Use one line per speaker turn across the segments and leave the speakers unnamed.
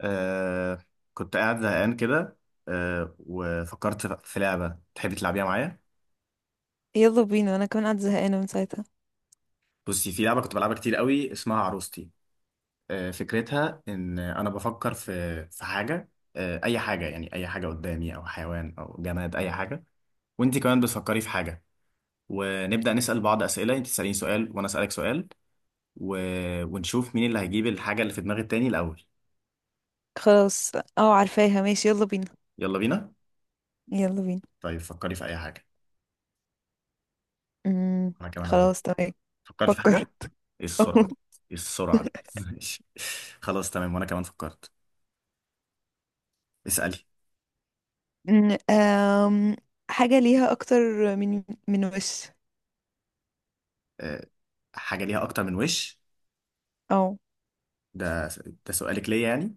آه كنت قاعد زهقان كده. وفكرت في لعبة تحبي تلعبيها معايا.
يلا بينا، انا كمان قاعدة زهقانة من ساعتها.
بصي، في لعبة كنت بلعبها كتير قوي اسمها عروستي. فكرتها إن أنا بفكر في حاجة. أي حاجة، يعني أي حاجة قدامي، أو حيوان أو جماد، أي حاجة. وأنت كمان بتفكري في حاجة، ونبدأ نسأل بعض أسئلة، أنت تسأليني سؤال وأنا أسألك سؤال و... ونشوف مين اللي هيجيب الحاجة اللي في دماغ التاني الأول.
خلاص. اه، عارفاها. ماشي، يلا بينا،
يلا بينا.
يلا بينا.
طيب، فكري في أي حاجة.
امم.
أنا كمان أهو.
خلاص، تمام.
فكرتي في
فكر.
حاجة؟ ايه السرعة دي؟ ايه السرعة دي؟ ماشي. خلاص تمام، وانا كمان فكرت. اسألي.
أمم، آم، حاجة ليها أكتر من وش؟
أه حاجة ليها اكتر من وش؟
أو.
ده ده سؤالك ليا يعني؟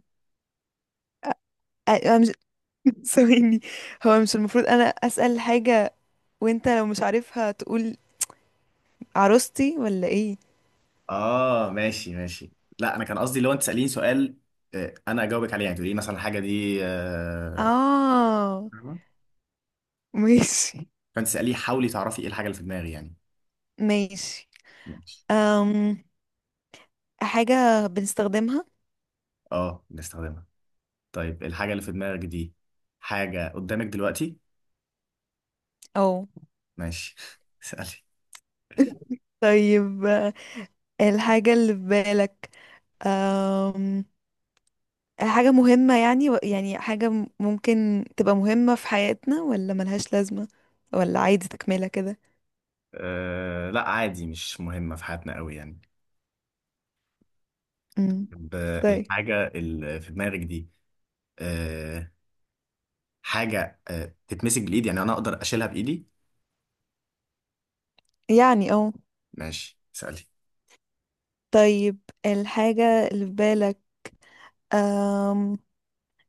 أنا مش ثواني. هو مش المفروض أنا أسأل حاجة، وأنت لو مش عارفها تقول عروستي ولا إيه؟
اه، ماشي ماشي. لا، انا كان قصدي لو انت تسأليني سؤال، انا اجاوبك عليه، يعني تقولي لي مثلا الحاجة دي،
آه،
فاهمة؟
ماشي
فانت تسأليه، حاولي تعرفي ايه الحاجة اللي في دماغي يعني.
ماشي.
ماشي.
أم... حاجة بنستخدمها.
اه، بنستخدمها. طيب، الحاجة اللي في دماغك دي حاجة قدامك دلوقتي؟
أو.
ماشي. اسألي.
طيب، الحاجة اللي في بالك أم... حاجة مهمة، يعني حاجة ممكن تبقى مهمة في حياتنا، ولا ملهاش لازمة، ولا عادي تكملة كده؟
لا، عادي مش مهمة في حياتنا قوي يعني.
امم.
طب،
طيب.
الحاجة اللي في دماغك دي، آه، حاجة تتمسك بالإيد، يعني أنا أقدر أشيلها بإيدي.
يعني اه.
ماشي، سألي.
طيب، الحاجة اللي في بالك أم...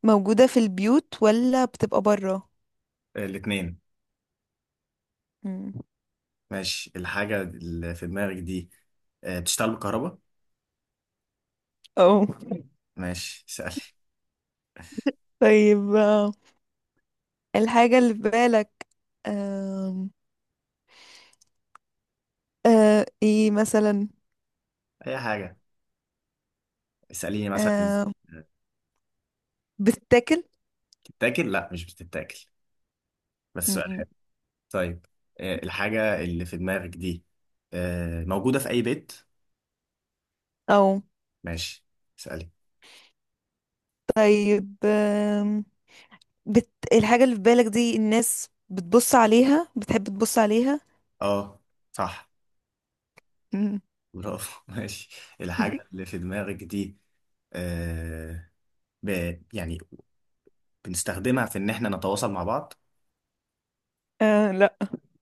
موجودة في البيوت ولا بتبقى برا؟
الاتنين.
امم.
ماشي، الحاجة اللي في دماغك دي، بتشتغل بالكهرباء؟
اه.
ماشي، سألي.
طيب، الحاجة اللي في بالك أم... ايه مثلا؟
أي حاجة. اسأليني مثلا.
أم...
آه،
بتتاكل؟
بتتاكل؟ لا، مش بتتاكل، بس سؤال
امم.
حلو. طيب، الحاجة اللي في دماغك دي موجودة في أي بيت؟
او.
ماشي، سألي.
طيب، الحاجة اللي في بالك دي الناس بتبص عليها، بتحب تبص عليها؟
اه، صح.
مم.
برافو. ماشي، الحاجة اللي في دماغك دي، آه ب... يعني بنستخدمها في ان احنا نتواصل مع بعض؟
آه، لا.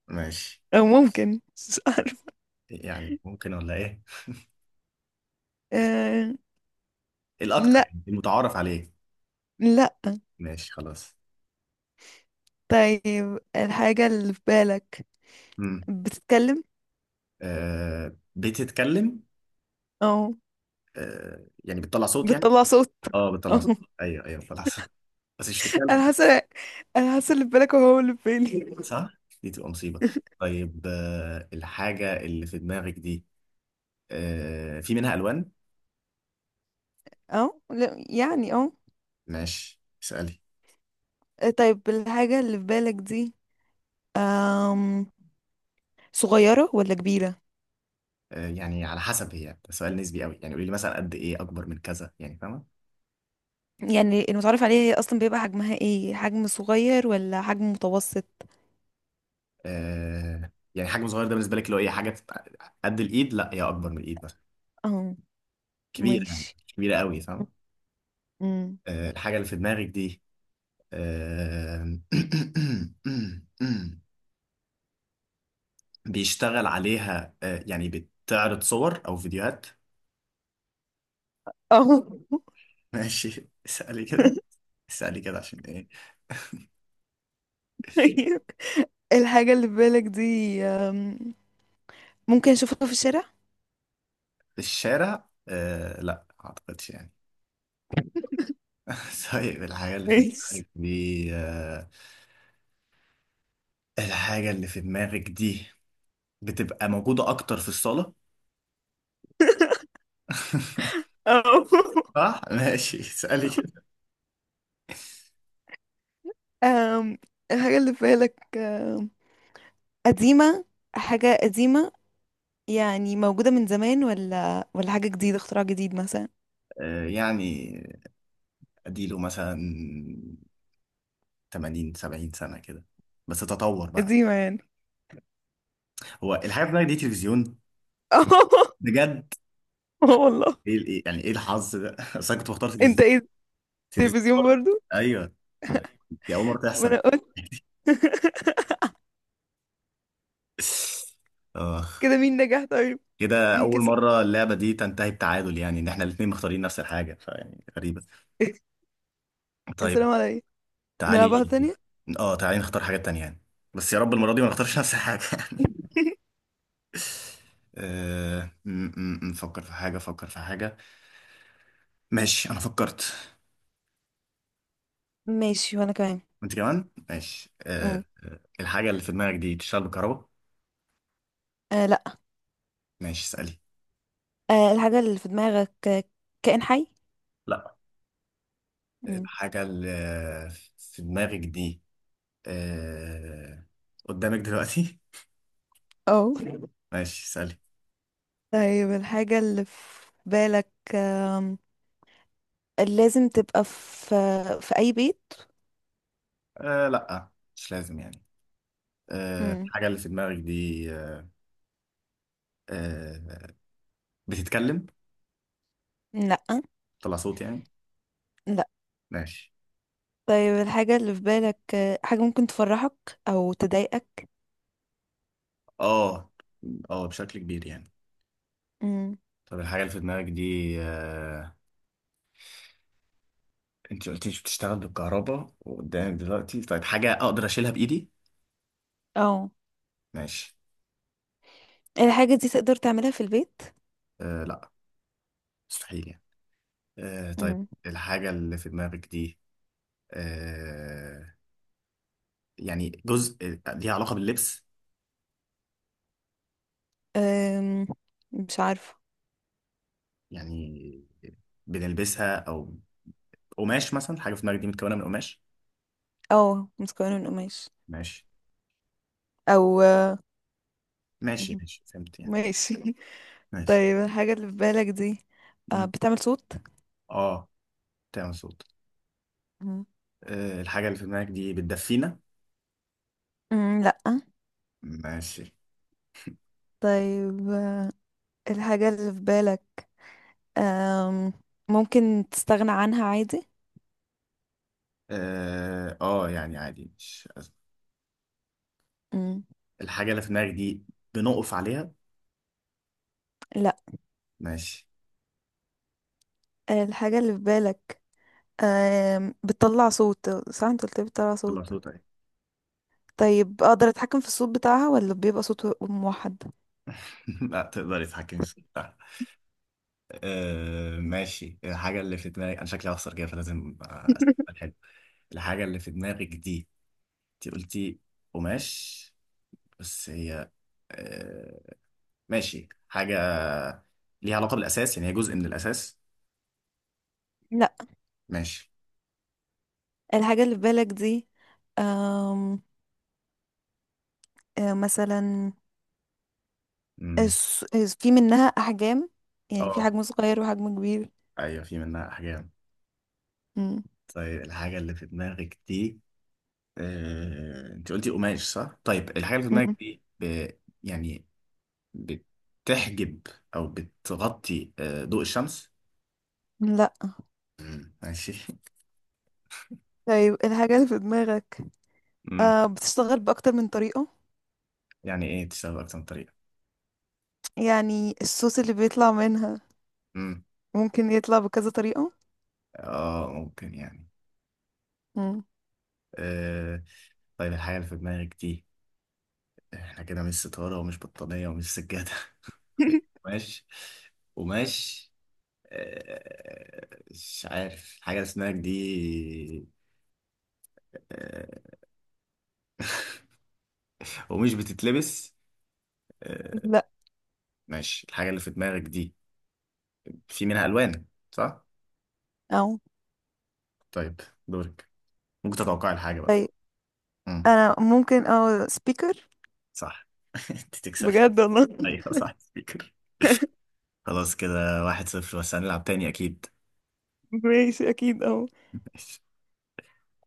ماشي.
أو ممكن مش عارف.
يعني ممكن ولا ايه؟
آه،
الاكتر
لا،
يعني المتعارف عليه.
لا.
ماشي خلاص.
طيب، الحاجة اللي في بالك
امم.
بتتكلم؟
بتتكلم؟
أو.
يعني بتطلع صوت يعني.
بتطلع صوت؟
اه، بتطلع
أو.
صوت. ايوه ايوه بتطلع صوت، بس مش
أنا
بتتكلم.
حاسة أنا حاسة اللي في بالك هو اللي في بالي.
صح، دي تبقى مصيبة. طيب، الحاجة اللي في دماغك دي في منها الوان؟
أو، لا يعني، أو.
ماشي، اسألي.
طيب، الحاجة اللي في بالك دي آم... صغيرة ولا كبيرة؟
يعني على حسب، هي ده سؤال نسبي قوي، يعني قولي لي مثلا قد ايه اكبر من كذا يعني، فاهمة؟
يعني المتعارف عليها هي اصلا بيبقى حجمها ايه، حجم صغير ولا حجم متوسط؟
يعني حجم صغير ده بالنسبه لك؟ لو ايه حاجه تبقى قد الايد، لا هي اكبر من الايد مثلا،
اه.
كبيره يعني،
ماشي.
مش كبيره قوي، فاهم؟
امم.
الحاجه اللي في دماغك دي، آه بيشتغل عليها، يعني بتعرض صور او فيديوهات؟
اه.
ماشي، اسالي كده. اسالي كده عشان ايه.
طيب. الحاجة اللي في بالك دي ممكن اشوفها في الشارع؟
في الشارع؟ لا، ما اعتقدش يعني. طيب، الحاجه اللي في
ماشي.
دماغك دي آه الحاجه اللي في دماغك دي بتبقى موجوده اكتر في الصاله؟
اه.
صح. ماشي، اسألي كده.
أم، الحاجة اللي في بالك أم، قديمة حاجة قديمة؟ يعني موجودة من زمان، ولا حاجة جديدة، اختراع جديد مثلا؟
يعني اديله مثلا 80 70 سنة كده، بس تطور بقى.
قديمة يعني.
هو الحاجة بتاعتك دي تلفزيون؟
اه.
بجد؟
والله.
ايه، يعني ايه الحظ ده؟ اصل انا كنت بختار
انت
تلفزيون.
ايه؟
تلفزيون
التلفزيون
برضه.
برضو؟
ايوه، دي اول مرة
ما
تحصل.
انا قلت.
اه،
كده مين نجح طيب؟
كده
مين
اول
كسب؟
مرة اللعبة دي تنتهي بتعادل، يعني ان احنا الاتنين مختارين نفس الحاجة، فيعني غريبة.
يا
طيب.
سلام عليا، نلعبها
تعالي.
تانية.
اه، تعالي نختار حاجات تانية يعني، بس يا رب المرة دي ما نختارش نفس الحاجة. أه... م- نفكر في حاجة، فكر في حاجة. ماشي، أنا فكرت.
ماشي، وانا كمان.
وأنت كمان، ماشي.
مم.
الحاجة اللي في دماغك دي تشتغل بالكهرباء؟
آه، لا.
ماشي، اسألي.
الحاجة اللي في دماغك كائن حي؟
لا.
مم.
الحاجة اللي في دماغك دي، أه... قدامك دلوقتي؟
اه.
ماشي، اسألي.
طيب، الحاجة اللي في بالك لازم تبقى في اي بيت؟
لا، مش لازم يعني.
مم.
الحاجة اللي في دماغك دي بتتكلم؟
لا،
طلع صوت يعني؟
لا.
ماشي.
طيب، الحاجة اللي في بالك حاجة ممكن تفرحك او تضايقك؟
اه، اه، بشكل كبير يعني.
مم.
طب، الحاجة اللي في دماغك دي، انت قلتيش بتشتغل بالكهرباء وقدام دلوقتي، طيب حاجة اقدر اشيلها بايدي؟
اه.
ماشي.
الحاجة دي تقدر تعملها في البيت؟
لا، مستحيل يعني. طيب،
مم.
الحاجة اللي في دماغك دي، آه يعني جزء، ليها علاقة باللبس؟
أم، مش عارفة.
يعني بنلبسها، او قماش مثلا، حاجة في دماغك دي متكونة من قماش؟
اه، متكونة من قماش.
ماشي
او.
ماشي ماشي، فهمت يعني.
ماشي.
ماشي.
طيب، الحاجة اللي في بالك دي
مم.
بتعمل صوت؟
اه، تمام صوت.
مم.
الحاجة اللي في دماغك دي بتدفينا؟
مم، لأ.
ماشي.
طيب، الحاجة اللي في بالك آم، ممكن تستغنى عنها عادي؟
اه، يعني عادي، مش أزمة.
مم،
الحاجة اللي في دماغك دي بنقف عليها؟
لأ.
ماشي.
الحاجة اللي في بالك بتطلع صوت، صح؟ انت قلت لي بتطلع
يلا،
صوت.
صوت اهي.
طيب، اقدر اتحكم في الصوت بتاعها ولا بيبقى صوت موحد؟
لا، تقدري تتحكمي في صوتها. ماشي، الحاجة اللي في دماغك، أنا شكلي هخسر كده فلازم أسأل حلو. الحاجة اللي في دماغك دي، أنت قلتي قماش، بس هي، أه ماشي، حاجة ليها علاقة بالأساس، يعني هي جزء من الأساس؟
لأ.
ماشي.
الحاجة اللي في بالك دي آم، آه، مثلا
أمم،
في منها أحجام؟ يعني في
أه
حجم صغير وحجم كبير؟
أيوه، في منها أحجام.
مم.
طيب، الحاجة اللي في دماغك دي، انت قلتي قماش صح؟ طيب، الحاجة اللي في
مم.
دماغك دي يعني بتحجب او بتغطي ضوء الشمس؟
لا.
مم، ماشي.
طيب، الحاجة اللي في دماغك
مم.
بتشتغل بأكتر من طريقة؟
يعني ايه تشتغل اكتر من طريقة؟
يعني الصوص اللي بيطلع منها
مم.
ممكن يطلع بكذا طريقة.
اه، ممكن يعني.
مم.
آه، طيب، الحاجة اللي في دماغك دي احنا كده مش ستارة ومش بطانية ومش سجادة. قماش، قماش، مش عارف الحاجة اللي في دماغك دي، آه، ومش بتتلبس آه،
لا.
ماشي، الحاجة اللي في دماغك دي في منها ألوان صح؟
أو.
طيب، دورك، ممكن تتوقع الحاجة بقى.
طيب،
امم.
أنا ممكن، أو، سبيكر.
صح. انت تكسب.
بجد والله.
ايوه، صح، سبيكر. خلاص، كده 1-0، بس هنلعب تاني أكيد.
ماشي، أكيد. أو.